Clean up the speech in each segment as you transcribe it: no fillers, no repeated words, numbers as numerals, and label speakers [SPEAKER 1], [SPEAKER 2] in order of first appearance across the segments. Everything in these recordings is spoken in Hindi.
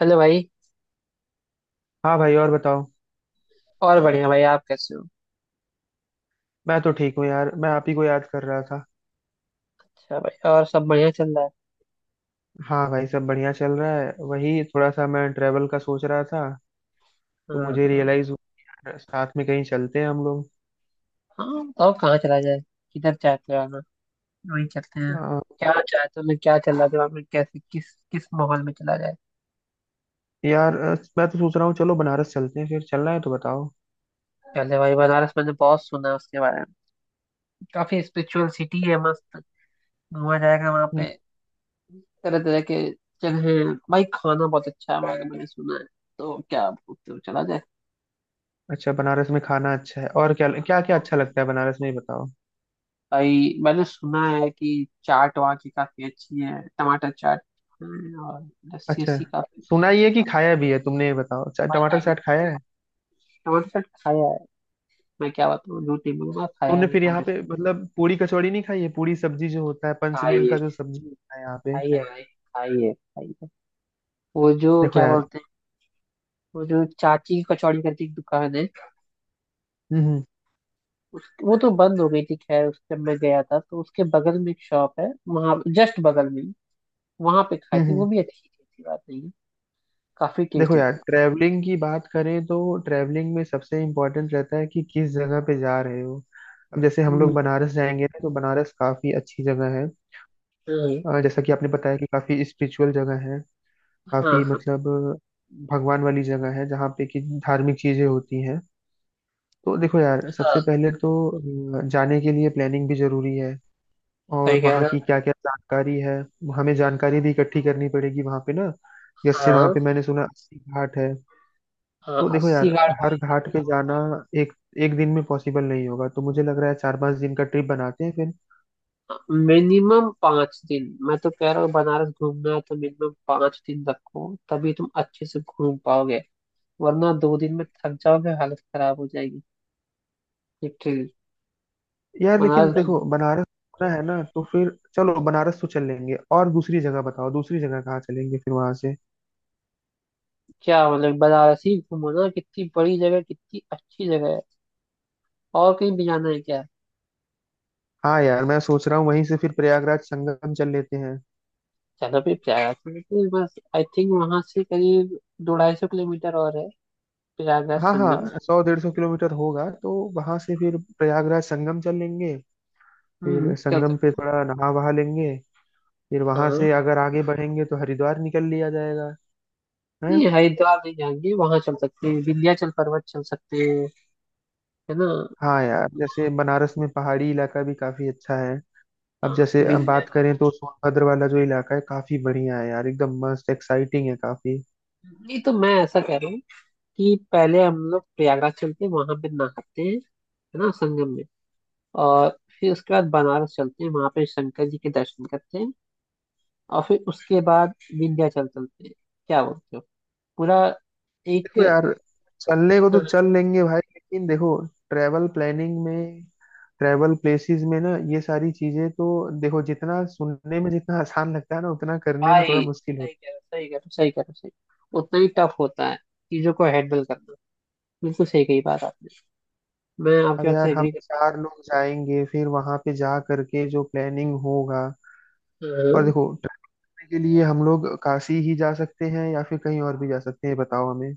[SPEAKER 1] हेलो भाई।
[SPEAKER 2] हाँ भाई, और बताओ।
[SPEAKER 1] और बढ़िया भाई, आप कैसे हो।
[SPEAKER 2] मैं तो ठीक हूँ यार, मैं आप ही को याद कर रहा था।
[SPEAKER 1] अच्छा भाई, और सब बढ़िया चल रहा है।
[SPEAKER 2] हाँ भाई, सब बढ़िया चल रहा है। वही थोड़ा सा मैं ट्रेवल का सोच रहा था, तो
[SPEAKER 1] हाँ
[SPEAKER 2] मुझे
[SPEAKER 1] हाँ।
[SPEAKER 2] रियलाइज हुआ, यार साथ में कहीं चलते हैं हम लोग।
[SPEAKER 1] हाँ, बताओ कहाँ चला जाए। किधर चाहते हो आना। वहीं चलते हैं।
[SPEAKER 2] अ,
[SPEAKER 1] क्या चाहते हो, मैं, क्या चल रहा है दिमाग में, कैसे किस किस माहौल में चला जाए।
[SPEAKER 2] यार, मैं तो सोच रहा हूँ, चलो बनारस चलते हैं। फिर चलना है तो बताओ।
[SPEAKER 1] पहले भाई, बनारस मैंने बहुत सुना है उसके बारे में। काफी स्पिरिचुअल सिटी है, मस्त। घूमा जाएगा वहाँ
[SPEAKER 2] हम्म,
[SPEAKER 1] पे। तरह तरह के जगह हैं। भाई खाना बहुत अच्छा है, मैंने मैंने सुना है। तो क्या बोलते हो, चला जाए।
[SPEAKER 2] अच्छा, बनारस में खाना अच्छा है। और क्या क्या क्या अच्छा लगता है बनारस में, ये बताओ।
[SPEAKER 1] आई मैंने सुना है कि चाट वहाँ की काफी अच्छी है, टमाटर चाट है। और लस्सी
[SPEAKER 2] अच्छा,
[SPEAKER 1] अस्सी काफी।
[SPEAKER 2] सुना ही है कि खाया भी है तुमने, ये बताओ अच्छा,
[SPEAKER 1] और
[SPEAKER 2] टमाटर
[SPEAKER 1] अभी
[SPEAKER 2] चाट
[SPEAKER 1] तो
[SPEAKER 2] खाया है
[SPEAKER 1] टमाटर चाट खाया है। मैं क्या बताऊँ, झूठ नहीं बोलूंगा, खाया है
[SPEAKER 2] तुमने?
[SPEAKER 1] मैंने
[SPEAKER 2] फिर यहाँ
[SPEAKER 1] टमाटर
[SPEAKER 2] पे
[SPEAKER 1] चाट।
[SPEAKER 2] मतलब पूरी कचौड़ी नहीं खाई है, पूरी सब्जी जो होता है, पंचमेल
[SPEAKER 1] खाइए,
[SPEAKER 2] का जो सब्जी होता है यहाँ पे।
[SPEAKER 1] खाइए भाई, खाइए खाइए। वो जो
[SPEAKER 2] देखो
[SPEAKER 1] क्या
[SPEAKER 2] यार,
[SPEAKER 1] बोलते हैं, वो जो चाची की कचौड़ी करके एक दुकान है।
[SPEAKER 2] हम्म
[SPEAKER 1] वो तो बंद हो गई थी, खैर उस जब मैं गया था तो उसके बगल में एक शॉप है, वहाँ जस्ट बगल में। वहां पे खाई थी, वो
[SPEAKER 2] हम्म
[SPEAKER 1] भी अच्छी थी, ऐसी बात नहीं है। काफी
[SPEAKER 2] देखो
[SPEAKER 1] टेस्टी
[SPEAKER 2] यार,
[SPEAKER 1] थी।
[SPEAKER 2] ट्रैवलिंग की बात करें तो ट्रैवलिंग में सबसे इम्पोर्टेंट रहता है कि किस जगह पे जा रहे हो। अब जैसे हम लोग
[SPEAKER 1] हम्म।
[SPEAKER 2] बनारस जाएंगे ना, तो बनारस काफी अच्छी जगह है।
[SPEAKER 1] हम्म।
[SPEAKER 2] जैसा कि आपने बताया कि काफी स्पिरिचुअल जगह है।
[SPEAKER 1] हाँ
[SPEAKER 2] काफी
[SPEAKER 1] हाँ।
[SPEAKER 2] मतलब भगवान वाली जगह है, जहाँ पे कि धार्मिक चीजें होती हैं। तो देखो यार,
[SPEAKER 1] हाँ,
[SPEAKER 2] सबसे पहले तो जाने के लिए प्लानिंग भी जरूरी है। और
[SPEAKER 1] सही कह
[SPEAKER 2] वहाँ
[SPEAKER 1] रहे हो।
[SPEAKER 2] की क्या क्या जानकारी है, हमें जानकारी भी इकट्ठी करनी पड़ेगी वहाँ पे ना। जैसे वहाँ
[SPEAKER 1] हाँ
[SPEAKER 2] पे मैंने सुना अस्सी घाट है।
[SPEAKER 1] हाँ,
[SPEAKER 2] तो देखो यार,
[SPEAKER 1] अस्सी घाट
[SPEAKER 2] हर
[SPEAKER 1] भाई।
[SPEAKER 2] घाट पे जाना एक एक दिन में पॉसिबल नहीं होगा, तो मुझे लग रहा है 4-5 दिन का ट्रिप बनाते हैं फिर।
[SPEAKER 1] मिनिमम 5 दिन मैं तो कह रहा हूँ, बनारस घूमना है तो मिनिमम 5 दिन रखो, तभी तुम अच्छे से घूम पाओगे। वरना 2 दिन में थक जाओगे, हालत खराब हो जाएगी। लिटरली।
[SPEAKER 2] यार लेकिन
[SPEAKER 1] बनारस
[SPEAKER 2] देखो,
[SPEAKER 1] घूम-
[SPEAKER 2] बनारस घूमना है ना, तो फिर चलो बनारस तो चल लेंगे। और दूसरी जगह बताओ, दूसरी जगह कहाँ चलेंगे फिर वहां से।
[SPEAKER 1] क्या मतलब, बनारस ही घूमो ना, कितनी बड़ी जगह, कितनी अच्छी जगह है। और कहीं भी जाना है क्या।
[SPEAKER 2] हाँ यार, मैं सोच रहा हूँ वहीं से फिर प्रयागराज संगम चल लेते हैं।
[SPEAKER 1] चलो फिर प्रयागराज चलते हैं, बस आई थिंक वहां से करीब 200-250 किलोमीटर और है, प्रयागराज
[SPEAKER 2] हाँ
[SPEAKER 1] संगम।
[SPEAKER 2] हाँ, 100-150 किलोमीटर होगा, तो वहां से फिर प्रयागराज संगम चल लेंगे।
[SPEAKER 1] हम्म,
[SPEAKER 2] फिर
[SPEAKER 1] चल
[SPEAKER 2] संगम पे
[SPEAKER 1] सकते
[SPEAKER 2] थोड़ा नहा वहा लेंगे। फिर वहां
[SPEAKER 1] हैं।
[SPEAKER 2] से अगर आगे बढ़ेंगे तो हरिद्वार निकल लिया जाएगा, है?
[SPEAKER 1] नहीं हरिद्वार नहीं जाएंगे, वहां चल सकते हैं, विंध्याचल पर्वत चल सकते हैं, है ना।
[SPEAKER 2] हाँ यार, जैसे बनारस में पहाड़ी इलाका भी काफी अच्छा है। अब
[SPEAKER 1] हाँ,
[SPEAKER 2] जैसे अब बात
[SPEAKER 1] विंध्याचल।
[SPEAKER 2] करें तो सोनभद्र वाला जो इलाका है काफी बढ़िया है यार, एकदम मस्त एक्साइटिंग है काफी।
[SPEAKER 1] नहीं तो मैं ऐसा कह रहा हूँ कि पहले हम लोग प्रयागराज चलते हैं, वहां पे नहाते हैं है ना संगम में। और फिर उसके बाद बनारस चलते हैं, वहां पे शंकर जी के दर्शन करते हैं। और फिर उसके बाद विंध्याचल चलते हैं। क्या बोलते हो। पूरा एक।
[SPEAKER 2] देखो यार, चलने को तो
[SPEAKER 1] हाँ,
[SPEAKER 2] चल लेंगे भाई, लेकिन देखो, ट्रैवल प्लानिंग में, ट्रैवल प्लेसेस में ना, ये सारी चीजें तो देखो, जितना सुनने में जितना आसान लगता है ना, उतना करने में थोड़ा
[SPEAKER 1] भाई
[SPEAKER 2] मुश्किल
[SPEAKER 1] सही
[SPEAKER 2] होता
[SPEAKER 1] कह रहे हो, सही कह रहे हो, सही कह रहे हो, सही। उतना ही टफ होता है चीजों को हैंडल करना। बिल्कुल सही कही बात आपने। मैं
[SPEAKER 2] है।
[SPEAKER 1] आपकी
[SPEAKER 2] अब
[SPEAKER 1] बात
[SPEAKER 2] यार,
[SPEAKER 1] से
[SPEAKER 2] हम
[SPEAKER 1] एग्री।
[SPEAKER 2] चार लोग जाएंगे फिर वहां पे जा करके जो प्लानिंग होगा। और
[SPEAKER 1] हम्म।
[SPEAKER 2] देखो, के लिए हम लोग काशी ही जा सकते हैं या फिर कहीं और भी जा सकते हैं, ये बताओ हमें।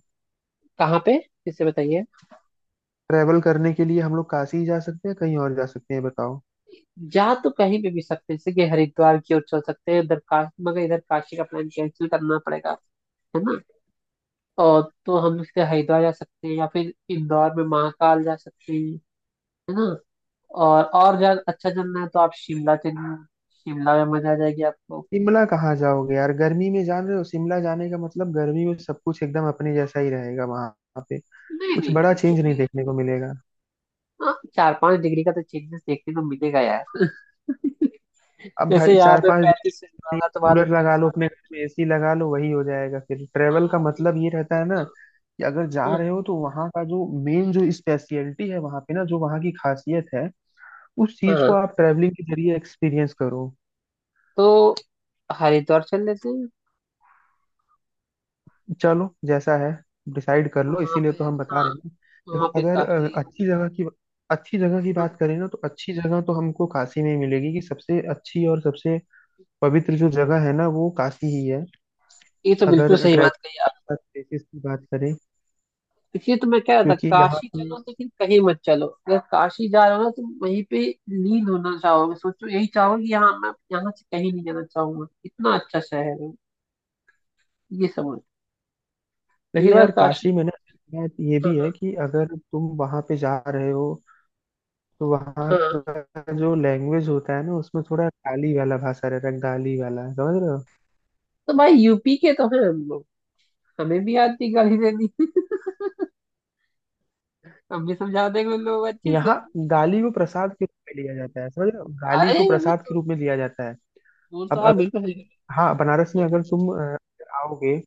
[SPEAKER 1] कहाँ पे, इसे बताइए।
[SPEAKER 2] ट्रैवल करने के लिए हम लोग काशी ही जा सकते हैं, कहीं और जा सकते हैं, ये बताओ।
[SPEAKER 1] जा तो कहीं पे भी सकते हैं, जैसे कि हरिद्वार की ओर चल सकते हैं, उधर का। मगर इधर काशी का प्लान कैंसिल करना पड़ेगा, है ना। और तो हम इसके हरिद्वार जा सकते हैं या फिर इंदौर में महाकाल जा सकते हैं, है ना। और ज्यादा अच्छा चलना है तो आप शिमला चलिए। शिमला में मजा आ जाएगी आपको।
[SPEAKER 2] शिमला कहाँ जाओगे यार, गर्मी में जान रहे हो? शिमला जाने का मतलब गर्मी में सब कुछ एकदम अपने जैसा ही रहेगा वहां पे।
[SPEAKER 1] नहीं
[SPEAKER 2] कुछ बड़ा
[SPEAKER 1] नहीं, फिर
[SPEAKER 2] चेंज नहीं
[SPEAKER 1] भी।
[SPEAKER 2] देखने को मिलेगा।
[SPEAKER 1] हाँ, 4-5 डिग्री का तो चेंजेस देखने को मिलेगा यार।
[SPEAKER 2] अब
[SPEAKER 1] जैसे
[SPEAKER 2] भाई
[SPEAKER 1] यहाँ
[SPEAKER 2] चार
[SPEAKER 1] पे
[SPEAKER 2] पांच दिन
[SPEAKER 1] 35 होगा तो वहां तो
[SPEAKER 2] कूलर लगा
[SPEAKER 1] 30।
[SPEAKER 2] लो अपने घर में, एसी लगा लो, वही हो जाएगा। फिर ट्रैवल का
[SPEAKER 1] हाँ ठीक है।
[SPEAKER 2] मतलब ये रहता है ना कि अगर जा रहे हो,
[SPEAKER 1] हाँ
[SPEAKER 2] तो वहाँ का जो मेन, जो स्पेशलिटी है वहाँ पे ना, जो वहाँ की खासियत है, उस
[SPEAKER 1] हाँ।
[SPEAKER 2] चीज को
[SPEAKER 1] हाँ।
[SPEAKER 2] आप ट्रैवलिंग के जरिए एक्सपीरियंस करो।
[SPEAKER 1] तो हरिद्वार चल लेते हैं
[SPEAKER 2] चलो जैसा है डिसाइड कर लो,
[SPEAKER 1] वहां
[SPEAKER 2] इसीलिए
[SPEAKER 1] पे।
[SPEAKER 2] तो हम बता
[SPEAKER 1] हाँ,
[SPEAKER 2] रहे हैं। देखो,
[SPEAKER 1] वहां पे
[SPEAKER 2] अगर
[SPEAKER 1] काफी।
[SPEAKER 2] अच्छी जगह की, अच्छी जगह की
[SPEAKER 1] हाँ,
[SPEAKER 2] बात करें ना, तो अच्छी जगह तो हमको काशी में ही मिलेगी। कि सबसे अच्छी और सबसे पवित्र जो जगह है ना वो काशी ही है।
[SPEAKER 1] ये तो बिल्कुल
[SPEAKER 2] अगर
[SPEAKER 1] सही बात कही
[SPEAKER 2] ट्रैवल
[SPEAKER 1] आप।
[SPEAKER 2] प्लेसेस की बात करें,
[SPEAKER 1] इसलिए तो मैं कह रहा था
[SPEAKER 2] क्योंकि यहाँ
[SPEAKER 1] काशी
[SPEAKER 2] पे,
[SPEAKER 1] चलो, लेकिन कहीं मत चलो, अगर काशी जा रहे हो ना तो वहीं पे लीन होना चाहोगे, सोचो यही चाहोगे कि यहाँ मैं, यहाँ से कहीं नहीं जाना चाहूंगा, इतना अच्छा शहर है। ये समझ। ये
[SPEAKER 2] लेकिन
[SPEAKER 1] बार
[SPEAKER 2] यार
[SPEAKER 1] काशी।
[SPEAKER 2] काशी में ना एक बात ये भी है
[SPEAKER 1] हाँ
[SPEAKER 2] कि अगर तुम वहां पे जा रहे हो, तो वहाँ
[SPEAKER 1] हाँ। हाँ।
[SPEAKER 2] का जो लैंग्वेज होता है ना, उसमें थोड़ा गाली वाला भाषा रहता है, गाली वाला समझ रहे हो?
[SPEAKER 1] तो भाई यूपी के तो हैं हम लोग। हमें भी आती गाड़ी देनी। हम भी समझा देंगे उन लोगों को अच्छे
[SPEAKER 2] यहाँ
[SPEAKER 1] से।
[SPEAKER 2] गाली को प्रसाद के रूप में लिया जाता है, समझ रहे हो? गाली
[SPEAKER 1] अरे
[SPEAKER 2] को
[SPEAKER 1] वो
[SPEAKER 2] प्रसाद के
[SPEAKER 1] तो,
[SPEAKER 2] रूप में लिया जाता है।
[SPEAKER 1] वो तो
[SPEAKER 2] अब
[SPEAKER 1] आप
[SPEAKER 2] अगर
[SPEAKER 1] बिल्कुल सही कह
[SPEAKER 2] हाँ, बनारस में
[SPEAKER 1] रहे
[SPEAKER 2] अगर
[SPEAKER 1] हो।
[SPEAKER 2] तुम आओगे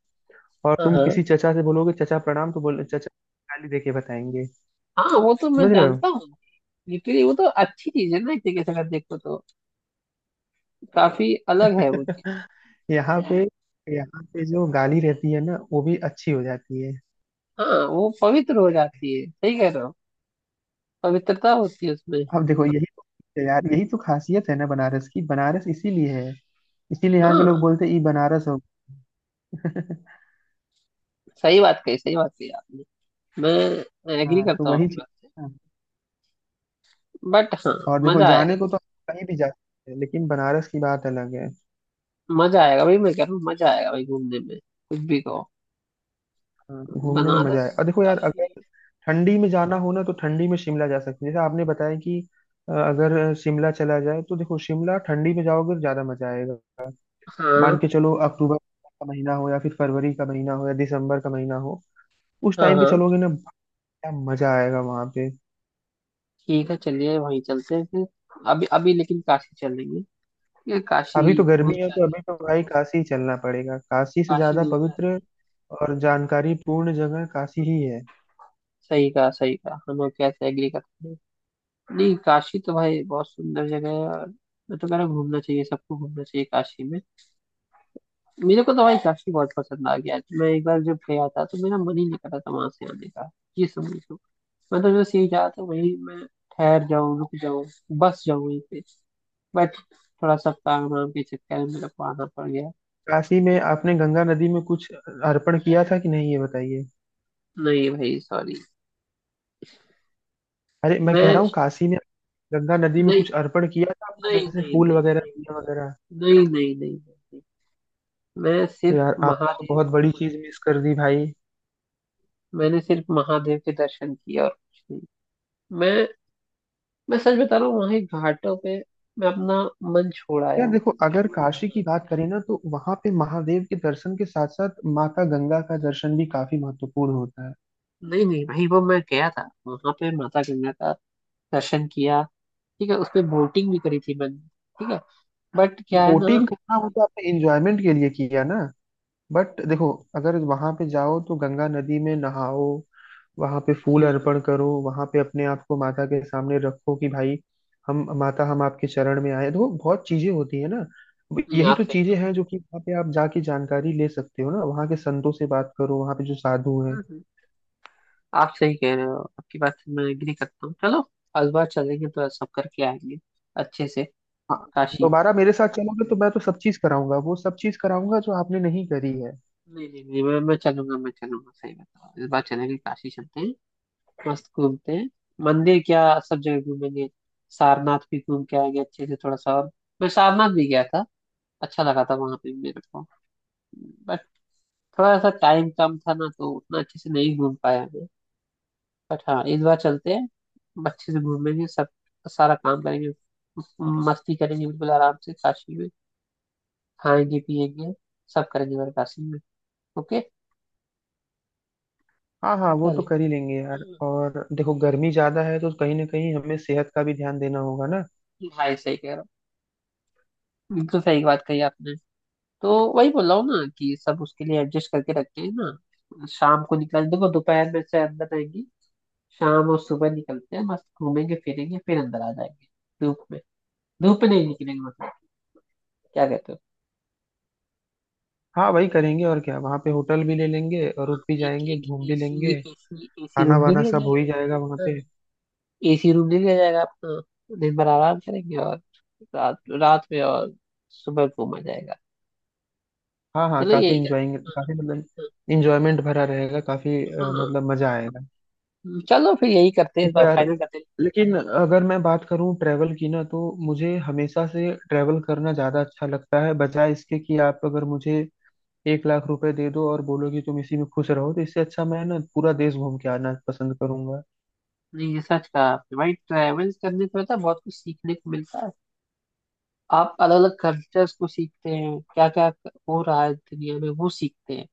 [SPEAKER 2] और
[SPEAKER 1] हाँ
[SPEAKER 2] तुम
[SPEAKER 1] हाँ।
[SPEAKER 2] किसी चचा से बोलोगे चचा प्रणाम, तो बोल चचा गाली देके बताएंगे,
[SPEAKER 1] हाँ, वो तो मैं
[SPEAKER 2] समझ रहे हो?
[SPEAKER 1] जानता हूँ। लिटरली वो तो अच्छी चीज है ना, एक तरीके से अगर देखो तो। काफी अलग है वो चीज।
[SPEAKER 2] यहाँ पे, यहाँ पे जो गाली रहती है ना, वो भी अच्छी हो जाती है।
[SPEAKER 1] हाँ, वो पवित्र हो जाती है, सही कह रहे हो, पवित्रता होती है उसमें।
[SPEAKER 2] अब देखो, यही तो यार, यही तो खासियत है ना बनारस की। बनारस इसीलिए है, इसीलिए यहाँ के लोग
[SPEAKER 1] हाँ
[SPEAKER 2] बोलते हैं, "ई बनारस हो
[SPEAKER 1] सही बात कही, सही बात कही आपने। मैं
[SPEAKER 2] गया।"
[SPEAKER 1] एग्री
[SPEAKER 2] हाँ, तो
[SPEAKER 1] करता हूँ
[SPEAKER 2] वही
[SPEAKER 1] आपकी बात
[SPEAKER 2] चीज।
[SPEAKER 1] से।
[SPEAKER 2] हाँ।
[SPEAKER 1] बट हाँ।
[SPEAKER 2] और देखो,
[SPEAKER 1] मजा आएगा।
[SPEAKER 2] जाने को तो आप कहीं भी जा सकते हैं, लेकिन बनारस की बात अलग है।
[SPEAKER 1] मजा आएगा भाई, मैं कह रहा हूँ मजा आएगा भाई, घूमने में कुछ भी कहो।
[SPEAKER 2] हाँ, घूमने में मजा
[SPEAKER 1] बनारस,
[SPEAKER 2] है। और देखो यार, अगर
[SPEAKER 1] काशी।
[SPEAKER 2] ठंडी में जाना हो ना, तो ठंडी में शिमला जा सकते हैं, जैसे आपने बताया कि अगर शिमला चला जाए तो देखो, शिमला ठंडी में जाओगे तो ज्यादा मजा आएगा। मान
[SPEAKER 1] हाँ।
[SPEAKER 2] के चलो, अक्टूबर का महीना हो या फिर फरवरी का महीना हो या दिसंबर का महीना हो, उस
[SPEAKER 1] हाँ
[SPEAKER 2] टाइम पे
[SPEAKER 1] हाँ,
[SPEAKER 2] चलोगे ना, क्या मजा आएगा वहां पे।
[SPEAKER 1] ठीक है चलिए वहीं चलते हैं फिर। अभी अभी लेकिन काशी चलेंगे। ये काशी
[SPEAKER 2] अभी तो
[SPEAKER 1] नहीं
[SPEAKER 2] गर्मी है, तो
[SPEAKER 1] जाते,
[SPEAKER 2] अभी तो भाई काशी ही चलना पड़ेगा। काशी से
[SPEAKER 1] काशी
[SPEAKER 2] ज्यादा
[SPEAKER 1] नहीं
[SPEAKER 2] पवित्र
[SPEAKER 1] जाते।
[SPEAKER 2] और जानकारी पूर्ण जगह काशी ही है।
[SPEAKER 1] सही कहा, सही कहा, हम आपके यहाँ से एग्री करते हैं। नहीं, काशी तो भाई बहुत सुंदर जगह है। और मैं तो कह रहा हूँ घूमना चाहिए सबको, घूमना चाहिए काशी में। मेरे को तो भाई काशी बहुत पसंद आ गया, मैं एक बार जब गया था तो मेरा मन ही नहीं कर रहा था वहां से आने का। ये समझ लो। मैं तो बस यही चाहता था, वही, मैं ठहर जाऊँ, रुक जाऊँ, बस जाऊँ यहीं पे। बट थोड़ा सा काम वाम के चक्कर में मेरे को आना पड़ गया।
[SPEAKER 2] काशी में आपने गंगा नदी में कुछ अर्पण किया था कि नहीं, ये बताइए?
[SPEAKER 1] नहीं भाई, सॉरी।
[SPEAKER 2] अरे, मैं कह
[SPEAKER 1] मैं।
[SPEAKER 2] रहा हूँ काशी में गंगा नदी में
[SPEAKER 1] नहीं
[SPEAKER 2] कुछ अर्पण किया था आपने?
[SPEAKER 1] नहीं
[SPEAKER 2] जैसे
[SPEAKER 1] नहीं
[SPEAKER 2] फूल
[SPEAKER 1] नहीं, नहीं
[SPEAKER 2] वगैरह
[SPEAKER 1] नहीं
[SPEAKER 2] दिया वगैरह।
[SPEAKER 1] नहीं नहीं, नहीं। नहीं। मैं
[SPEAKER 2] तो
[SPEAKER 1] सिर्फ
[SPEAKER 2] यार, आपने तो
[SPEAKER 1] महादेव।
[SPEAKER 2] बहुत बड़ी चीज मिस कर दी भाई।
[SPEAKER 1] मैंने सिर्फ महादेव के दर्शन किए और कुछ नहीं। मैं मैं सच बता रहा हूँ, वहां एक घाटों पे मैं अपना मन छोड़ आया
[SPEAKER 2] यार
[SPEAKER 1] हूँ।
[SPEAKER 2] देखो, अगर काशी की बात करें ना, तो वहां पे महादेव के दर्शन के साथ साथ माता गंगा का दर्शन भी काफी महत्वपूर्ण होता है।
[SPEAKER 1] नहीं नहीं भाई, वो मैं गया था वहां पे, माता गंगा का दर्शन किया। ठीक है, उस पे बोटिंग भी करी थी मैंने। ठीक है। बट क्या है ना।
[SPEAKER 2] बोटिंग करना वो तो आपने एंजॉयमेंट के लिए किया ना, बट देखो, अगर वहां पे जाओ तो गंगा नदी में नहाओ, वहां पे फूल
[SPEAKER 1] हम्म।
[SPEAKER 2] अर्पण करो, वहां पे अपने आप को माता के सामने रखो कि भाई हम माता, हम आपके चरण में आए। देखो, बहुत चीजें होती है ना। अब
[SPEAKER 1] नहीं
[SPEAKER 2] यही
[SPEAKER 1] आप
[SPEAKER 2] तो
[SPEAKER 1] सही
[SPEAKER 2] चीजें
[SPEAKER 1] कह।
[SPEAKER 2] हैं जो कि वहां पे आप जाके जानकारी ले सकते हो ना, वहां के संतों से बात करो, वहां पे जो साधु हैं।
[SPEAKER 1] हम्म। आप सही कह रहे हो, आपकी बात से मैं एग्री करता हूँ। चलो इस बार चलेंगे तो सब करके आएंगे अच्छे से,
[SPEAKER 2] हाँ,
[SPEAKER 1] काशी।
[SPEAKER 2] दोबारा मेरे साथ चलोगे तो मैं तो सब चीज कराऊंगा, वो सब चीज कराऊंगा जो आपने नहीं करी है।
[SPEAKER 1] नहीं नहीं नहीं, मैं चलूंगा, मैं चलूंगा सही बता रहा हूँ। इस बार चलेंगे, काशी चलते हैं। मस्त घूमते हैं, मंदिर क्या सब जगह घूमेंगे। सारनाथ भी घूम के आएंगे अच्छे से, थोड़ा सा और। मैं सारनाथ भी गया था, अच्छा लगा था वहां पे भी मेरे को। बट थोड़ा सा टाइम कम था ना तो उतना अच्छे से नहीं घूम पाया मैं। बट हाँ, इस बार चलते हैं। अच्छे से घूमेंगे सब, सारा काम करेंगे, मस्ती करेंगे बिल्कुल आराम से काशी में। खाएंगे पिएंगे, सब करेंगे बस काशी में। ओके।
[SPEAKER 2] हाँ हाँ, वो
[SPEAKER 1] चलो।
[SPEAKER 2] तो कर ही लेंगे यार।
[SPEAKER 1] हम्म,
[SPEAKER 2] और देखो, गर्मी ज्यादा है तो कहीं ना कहीं हमें सेहत का भी ध्यान देना होगा ना।
[SPEAKER 1] भाई सही कह रहा हूँ, बिल्कुल सही बात कही आपने। तो वही बोल रहा हूँ ना कि सब उसके लिए एडजस्ट करके रखते हैं ना, शाम को निकल, देखो दोपहर में से अंदर रहेंगे, शाम और सुबह निकलते हैं, मस्त घूमेंगे फिरेंगे फिर अंदर आ जाएंगे। धूप में, धूप में नहीं निकलेंगे मतलब। क्या कहते हो।
[SPEAKER 2] हाँ, वही करेंगे और क्या, वहाँ पे होटल भी ले लेंगे और रुक भी
[SPEAKER 1] एक
[SPEAKER 2] जाएंगे,
[SPEAKER 1] एक
[SPEAKER 2] घूम भी
[SPEAKER 1] एसी,
[SPEAKER 2] लेंगे।
[SPEAKER 1] एसी एसी
[SPEAKER 2] खाना
[SPEAKER 1] रूम ले
[SPEAKER 2] वाना
[SPEAKER 1] लिया
[SPEAKER 2] सब हो ही जाएगा वहाँ
[SPEAKER 1] जाएगा।
[SPEAKER 2] पे।
[SPEAKER 1] हाँ, एसी रूम ले लिया जाएगा, अपना दिन भर आराम करेंगे। और रात रात में और सुबह घूमा जाएगा।
[SPEAKER 2] हाँ हाँ,
[SPEAKER 1] चलो
[SPEAKER 2] काफी
[SPEAKER 1] यही कर।
[SPEAKER 2] इंजॉइंग, काफी मतलब
[SPEAKER 1] हाँ।
[SPEAKER 2] इंजॉयमेंट भरा रहेगा। काफी
[SPEAKER 1] हाँ,
[SPEAKER 2] मतलब मजा आएगा।
[SPEAKER 1] हाँ। चलो फिर यही करते हैं, इस
[SPEAKER 2] देखो
[SPEAKER 1] बार
[SPEAKER 2] यार,
[SPEAKER 1] फाइनल करते हैं।
[SPEAKER 2] लेकिन अगर मैं बात करूँ ट्रैवल की ना, तो मुझे हमेशा से ट्रैवल करना ज्यादा अच्छा लगता है, बजाय इसके कि आप अगर मुझे 1,00,000 रुपए दे दो और बोलो कि तुम इसी में खुश रहो, तो इससे अच्छा मैं ना पूरा देश घूम के आना पसंद करूंगा।
[SPEAKER 1] नहीं ये सच कहा आपने भाई, ट्रैवल्स करने से पता है बहुत कुछ सीखने को मिलता है। आप अलग अलग कल्चर्स को सीखते हैं, क्या क्या हो रहा है दुनिया में वो सीखते हैं।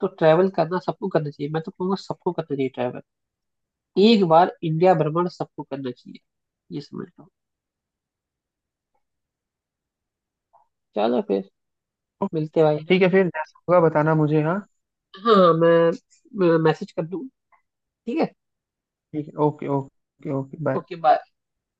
[SPEAKER 1] तो ट्रैवल करना सबको करना चाहिए, मैं तो कहूँगा सबको करना चाहिए ट्रैवल। एक बार इंडिया भ्रमण सबको करना चाहिए। ये समझ लो। चलो फिर मिलते हैं भाई।
[SPEAKER 2] ठीक है, फिर जैसा होगा बताना मुझे, हाँ।
[SPEAKER 1] हाँ, मैं मैसेज कर दूँ, ठीक है।
[SPEAKER 2] ठीक है, okay okay okay, bye.
[SPEAKER 1] Okay bye.